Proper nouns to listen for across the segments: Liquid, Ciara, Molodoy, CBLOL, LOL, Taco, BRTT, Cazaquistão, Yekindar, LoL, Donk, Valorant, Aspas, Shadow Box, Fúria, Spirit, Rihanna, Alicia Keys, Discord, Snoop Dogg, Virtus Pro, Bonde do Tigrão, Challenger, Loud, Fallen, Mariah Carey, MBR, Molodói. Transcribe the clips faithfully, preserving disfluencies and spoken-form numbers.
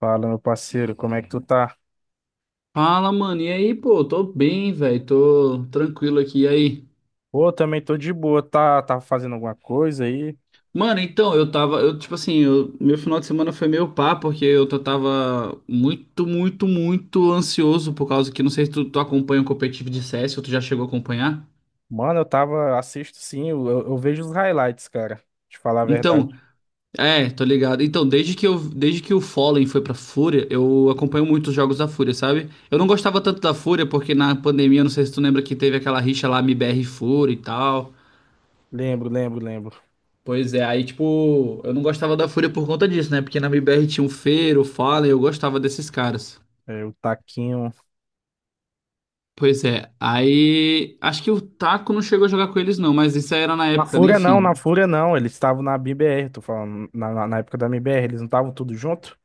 Fala, meu parceiro, como é que tu tá? Fala, mano. E aí, pô, tô bem, velho. Tô tranquilo aqui. E aí? Pô, eu também tô de boa, tá, tá fazendo alguma coisa aí? Mano, então, eu tava, eu tipo assim, eu- meu final de semana foi meio pá, porque eu tô- tava muito, muito, muito ansioso por causa que não sei se tu, tu acompanha o competitivo de C S ou tu já chegou a acompanhar. Mano, eu tava, assisto sim, eu, eu- eu vejo os highlights, cara, te falar a Então, verdade. é, tô ligado. Então, desde que eu, desde que o Fallen foi pra Fúria, eu acompanho muito os jogos da Fúria, sabe? Eu não gostava tanto da Fúria porque na pandemia, não sei se tu lembra que teve aquela rixa lá, M B R e Fúria e tal. Lembro, lembro, lembro. Pois é, aí tipo, eu não gostava da Fúria por conta disso, né? Porque na M B R tinha o Feiro, o Fallen, eu gostava desses caras. É, o Taquinho. Pois é, aí acho que o Taco não chegou a jogar com eles não, mas isso aí era na Na época, né? Fúria não, na Enfim, Fúria não, eles estavam na M I B R, tô falando, na, na na época da M I B R, eles não estavam tudo junto?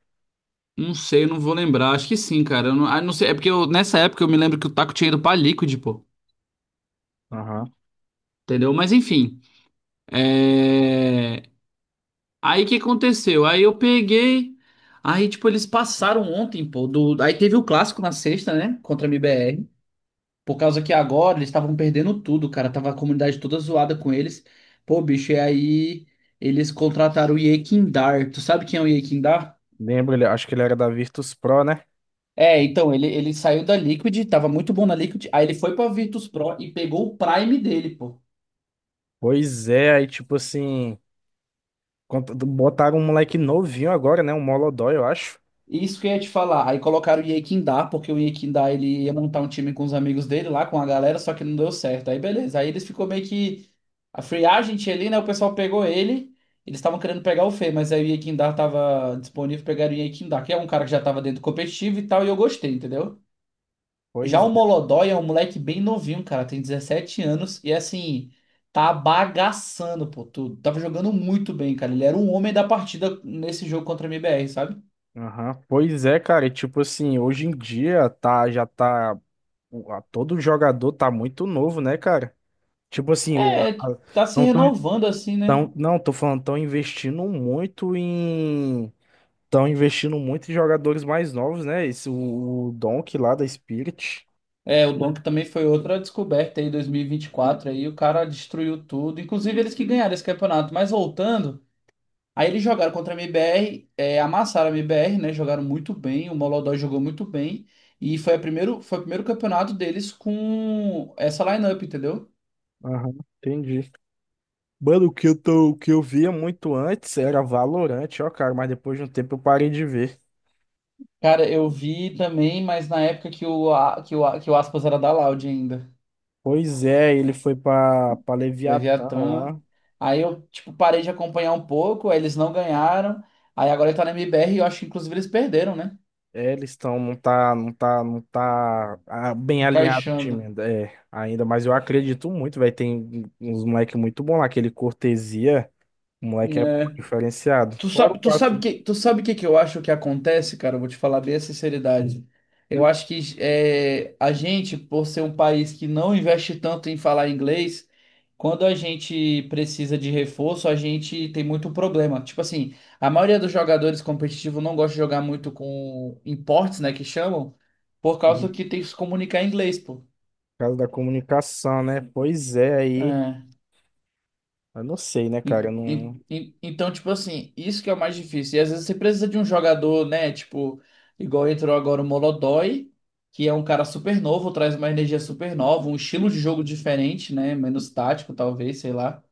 não sei, eu não vou lembrar, acho que sim, cara. Eu não, ah, não sei, é porque eu- nessa época eu me lembro que o Taco tinha ido pra Liquid, pô, Aham. entendeu? Mas enfim, é... aí o que aconteceu? Aí eu peguei, aí tipo, eles passaram ontem, pô, do... aí teve o clássico na sexta, né? Contra a M B R. Por causa que agora eles estavam perdendo tudo, cara. Tava a comunidade toda zoada com eles. Pô, bicho, e aí eles contrataram o Yekindar. Tu sabe quem é o Yekindar? Lembro, ele, acho que ele era da Virtus Pro, né? É, então, ele, ele saiu da Liquid, tava muito bom na Liquid. Aí ele foi pra Virtus Pro e pegou o Prime dele, pô. Pois é, aí tipo assim, cont- botaram um moleque novinho agora, né? Um Molodói, eu acho. Isso que eu ia te falar. Aí colocaram o Yekindá, porque o Yekindá ele ia montar um time com os amigos dele lá, com a galera, só que não deu certo. Aí beleza. Aí eles ficou meio que a free agent ali, né? O pessoal pegou ele. Eles estavam querendo pegar o Fê, mas aí o Yekindá tava disponível, pegaram o Yekindá, que é um cara que já tava dentro do competitivo e tal, e eu gostei, entendeu? Já Pois. o Molodói é um moleque bem novinho, cara, tem dezessete anos e assim, tá bagaçando, pô, tudo. Tava jogando muito bem, cara. Ele era um homem da partida nesse jogo contra a M B R, sabe? Aham. Pois é, cara, e tipo assim, hoje em dia tá, já tá, o- a- todo jogador tá muito novo, né, cara? Tipo assim, o, a- É, a- tá se não tô, renovando assim, né? tão, não, tô falando, tão investindo muito em, tão investindo muito em jogadores mais novos, né? Esse, o, o Donkey lá da Spirit. É, o Donk também foi outra descoberta aí, dois mil e vinte e quatro, aí o cara destruiu tudo, inclusive eles que ganharam esse campeonato. Mas voltando, aí eles jogaram contra a M B R, é, amassaram a M B R, né? Jogaram muito bem, o Molodói jogou muito bem, e foi, a primeiro, foi o primeiro campeonato deles com essa lineup, entendeu? Aham, entendi. Mano, o que eu tô, o que eu via muito antes era Valorant, ó, cara, mas depois de um tempo eu parei de ver. Cara, eu vi também, mas na época que o, A- que o, A- que o Aspas era da Loud ainda. Pois é, ele foi pra, pra, Leviatã Leviatã. lá. Aí eu, tipo, parei de acompanhar um pouco, aí eles não ganharam. Aí agora ele tá na M B R e eu acho que inclusive eles perderam, né? É, eles estão, não tá, não tá, não tá ah, bem alinhado o time Encaixando. ainda, é, ainda, mas eu acredito muito, vai tem uns moleque muito bom lá, aquele Cortesia, o moleque é bom, É. diferenciado. Tu Fora o sabe, tu sabe caso, que, tu sabe o que que eu acho que acontece, cara? Eu vou te falar bem a sinceridade. Eu acho que é, a gente, por ser um país que não investe tanto em falar inglês, quando a gente precisa de reforço, a gente tem muito problema. Tipo assim, a maioria dos jogadores competitivos não gosta de jogar muito com imports, né, que chamam, por uhum, causa por que tem que se comunicar em inglês, pô. causa da comunicação, né? Pois é, aí, É. eu não sei, né, En- cara, eu en- não, en- Então, tipo assim, isso que é o mais difícil. E às vezes você precisa de um jogador, né? Tipo, igual entrou agora o Molodói, que é um cara super novo, traz uma energia super nova, um estilo de jogo diferente, né? Menos tático, talvez, sei lá.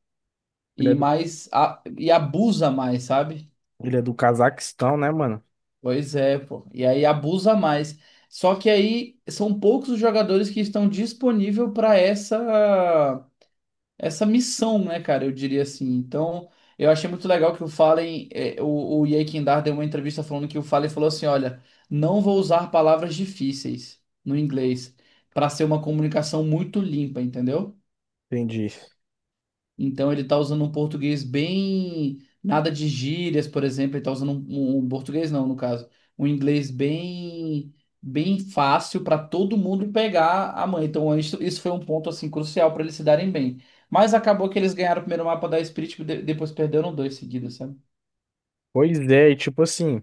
ele é E do, mais. a- e abusa mais, sabe? ele é do Cazaquistão, né, mano? Pois é, pô. E aí abusa mais. Só que aí são poucos os jogadores que estão disponíveis para essa. essa missão, né, cara? Eu diria assim. Então, eu achei muito legal que o Fallen, é, o, o Ye Kindar deu uma entrevista falando que o Fallen falou assim: olha, não vou usar palavras difíceis no inglês para ser uma comunicação muito limpa, entendeu? Entendi. Então ele tá usando um português bem. Nada de gírias, por exemplo. Ele tá usando um, um um português, não, no caso. Um inglês bem. Bem fácil para todo mundo pegar a mãe. Então, isso, isso foi um ponto assim crucial para eles se darem bem. Mas acabou que eles ganharam o primeiro mapa da Spirit e de- depois perderam dois seguidos, sabe? Pois é, e tipo assim,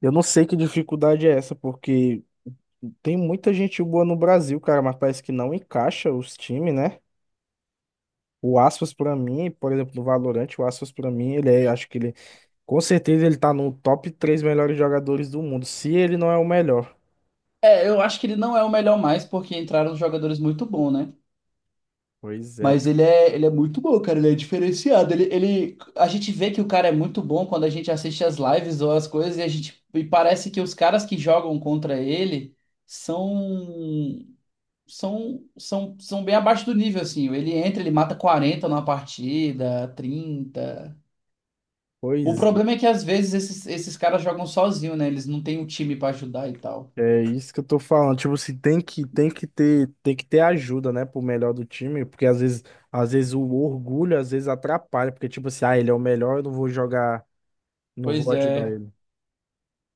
eu não sei que dificuldade é essa, porque tem muita gente boa no Brasil, cara, mas parece que não encaixa os times, né? O Aspas pra mim, por exemplo, no Valorant, o Aspas pra mim, ele é, acho que ele, com certeza ele tá no top três melhores jogadores do mundo, se ele não é o melhor. É, eu acho que ele não é o melhor mais porque entraram jogadores muito bons, né? Pois é, Mas ele cara. é, ele é muito bom, cara. Ele é diferenciado. Ele, ele, a gente vê que o cara é muito bom quando a gente assiste as lives ou as coisas e a gente e parece que os caras que jogam contra ele são são são, são bem abaixo do nível assim. Ele entra, ele mata quarenta numa partida, trinta. O Pois é, problema é que às vezes esses, esses caras jogam sozinho, né? Eles não têm um time pra ajudar e tal. é isso que eu tô falando. Tipo assim, tem que, tem que ter, tem que ter ajuda, né, pro melhor do time, porque às vezes, às vezes o orgulho às vezes atrapalha, porque tipo assim, ah, ele é o melhor, eu não vou jogar, não Pois vou ajudar é. ele.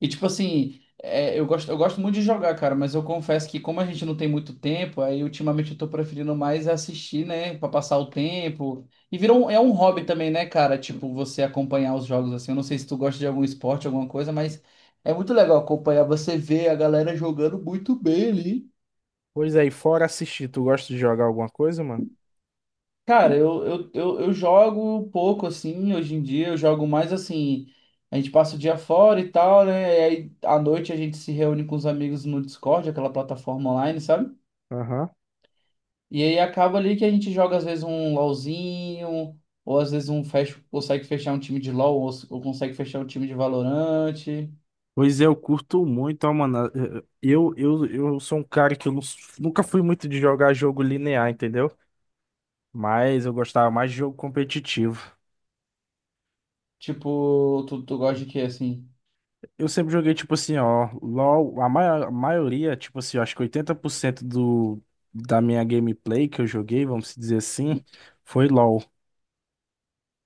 E tipo assim, é, eu gosto, eu gosto muito de jogar, cara, mas eu confesso que como a gente não tem muito tempo, aí ultimamente eu tô preferindo mais assistir, né, pra passar o tempo. E virou um, é um hobby também, né, cara? Tipo, você acompanhar os jogos assim. Eu não sei se tu gosta de algum esporte, alguma coisa, mas é muito legal acompanhar você ver a galera jogando muito bem ali. Pois é, e fora assistir, tu gosta de jogar alguma coisa, mano? Cara, eu, eu, eu, eu jogo pouco assim, hoje em dia eu jogo mais assim, a gente passa o dia fora e tal, né? E aí à noite a gente se reúne com os amigos no Discord, aquela plataforma online, sabe? Aham. E aí acaba ali que a gente joga às vezes um LoLzinho, ou às vezes um fecha, consegue fechar um time de LoL, ou, ou consegue fechar um time de Valorante. Pois é, eu curto muito, ó, mano. eh, eh, Eu, eu, eu sou um cara que eu nu- nunca fui muito de jogar jogo linear, entendeu? Mas eu gostava mais de jogo competitivo. Tipo, tu, tu gosta de quê assim? Eu sempre joguei, tipo assim, ó, LOL, a maior, maioria, tipo assim, eu acho que oitenta por cento do, da minha gameplay que eu joguei, vamos dizer assim, foi LOL.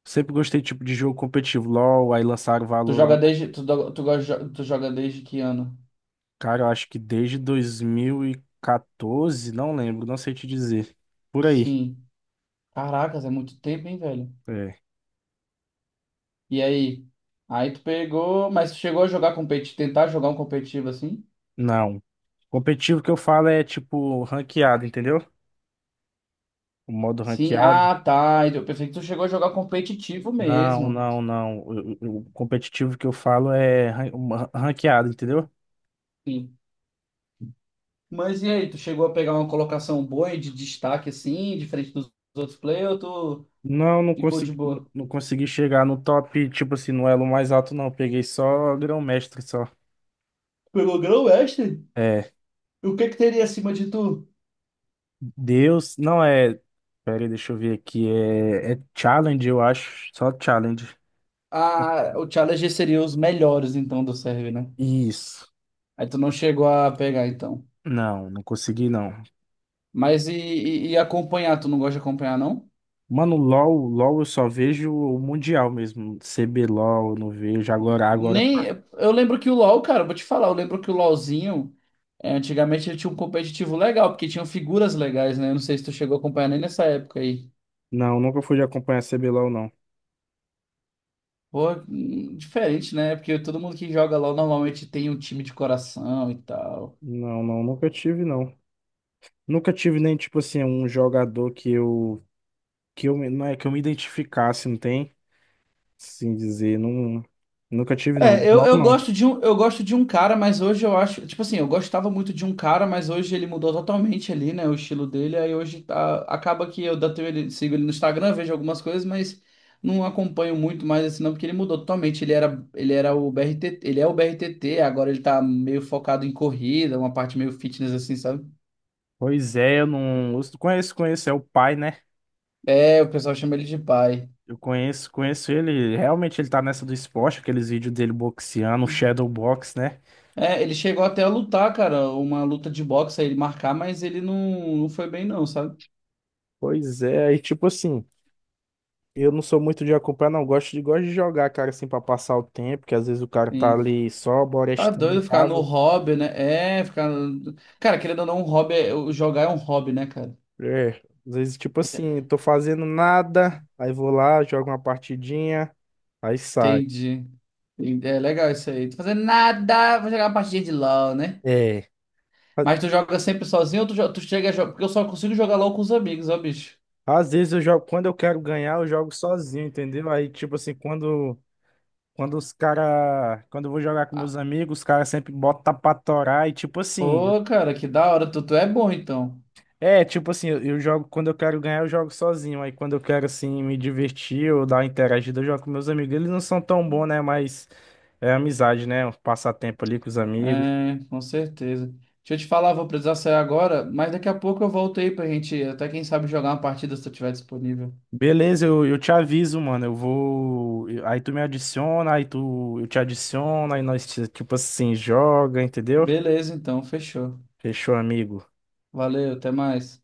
Sempre gostei, tipo, de jogo competitivo. LOL, aí lançaram Tu joga Valorant. desde, tu, do- tu, gosta de jo- tu joga desde que ano? Cara, eu acho que desde dois mil e quatorze, não lembro, não sei te dizer. Por aí. Sim. Caracas, é muito tempo, hein, velho? É. E aí? Aí tu pegou, mas tu chegou a jogar competitivo, tentar jogar um competitivo assim? Não. Competitivo que eu falo é tipo ranqueado, entendeu? O modo Sim, ranqueado. ah tá, então, eu pensei que tu chegou a jogar competitivo Não, mesmo. não, não. O, o- o competitivo que eu falo é ran- uma- ranqueado, entendeu? Sim. Mas e aí, tu chegou a pegar uma colocação boa e de destaque assim, diferente dos outros players, ou tu Não, não ficou de consegui, boa? não consegui chegar no top, tipo assim, no elo mais alto, não. Peguei só grão-mestre, só. Pegou grão mestre? É, E o que que teria acima de tu? Deus, não é. Pera aí, deixa eu ver aqui. É, é challenge, eu acho. Só challenge. Ah, o Challenger seria os melhores então do server, né? Isso. Aí tu não chegou a pegar então. Não, não consegui, não. Mas e, e, e acompanhar, tu não gosta de acompanhar não? Mano, LOL, LOL eu só vejo o Mundial mesmo. cê bê lol eu não vejo. Agora, agora. Tá. Nem. Eu lembro que o LoL, cara, eu vou te falar, eu lembro que o LoLzinho, é, antigamente ele tinha um competitivo legal, porque tinham figuras legais, né? Eu não sei se tu chegou a acompanhar nem nessa época aí. Não, nunca fui de acompanhar cê bê lol, não. Pô, hum, diferente, né? Porque todo mundo que joga LoL normalmente tem um time de coração e tal. Não, não, nunca tive, não. Nunca tive nem, tipo assim, um jogador que eu. Que eu me- não é que eu me identificasse, não tem? Assim dizer. Não, nunca tive, não. É, eu, LOL eu não. gosto de um, eu gosto de um cara, mas hoje eu acho, tipo assim, eu gostava muito de um cara, mas hoje ele mudou totalmente ali, né, o estilo dele, aí hoje tá- acaba que eu datei ele, sigo ele no Instagram, vejo algumas coisas, mas não acompanho muito mais assim não, porque ele mudou totalmente, ele era, ele era o B R T T, ele é o B R T T, agora ele tá meio focado em corrida, uma parte meio fitness assim, sabe? Pois é, eu não. Eu Conheço, conheço. É o pai, né? É, o pessoal chama ele de pai. Eu conheço, conheço ele. Realmente ele tá nessa do esporte, aqueles vídeos dele boxeando, o Shadow Box, né? É, ele chegou até a lutar, cara, uma luta de boxe, aí ele marcar, mas ele não, não foi bem não, sabe? Pois é, aí tipo assim. Eu não sou muito de acompanhar, não. Gosto de, gosto de jogar, cara, assim, pra passar o tempo, que às vezes o cara tá ali só Tá borestando em doido ficar no casa. hobby, né? É, ficar. No- Cara, querendo ou não, um hobby é... o jogar é um hobby, né, cara? É, às vezes, tipo assim, tô fazendo nada, aí vou lá, jogo uma partidinha, aí sai. Entendi. Entendi. É legal isso aí. Tô fazendo nada, vou jogar uma partidinha de LOL, né? É. a- Mas tu joga sempre sozinho ou tu, jo- tu chega a jogar? Porque eu só consigo jogar LOL com os amigos, ó, bicho. Às vezes eu jogo, quando eu quero ganhar, eu jogo sozinho, entendeu? Aí, tipo assim, quando, quando os cara, quando eu vou jogar com meus Ah, amigos, os caras sempre botam pra torar e, tipo assim, pô, cara, que da hora. Tu, tu é bom, então. É, tipo assim, eu, eu jogo, quando eu quero ganhar, eu jogo sozinho. Aí quando eu quero, assim, me divertir ou dar uma interagida, eu jogo com meus amigos. Eles não são tão bons, né? Mas é amizade, né? Um passatempo ali com os amigos. É, com certeza. Deixa eu te falar, vou precisar sair agora, mas daqui a pouco eu volto aí pra gente, até quem sabe, jogar uma partida se tu tiver disponível. Beleza, eu, eu te aviso, mano. Eu vou. eu- Aí tu me adiciona, aí tu. Eu te adiciono, aí nós, tipo assim, joga, entendeu? Beleza, então, fechou. Fechou, amigo. Valeu, até mais.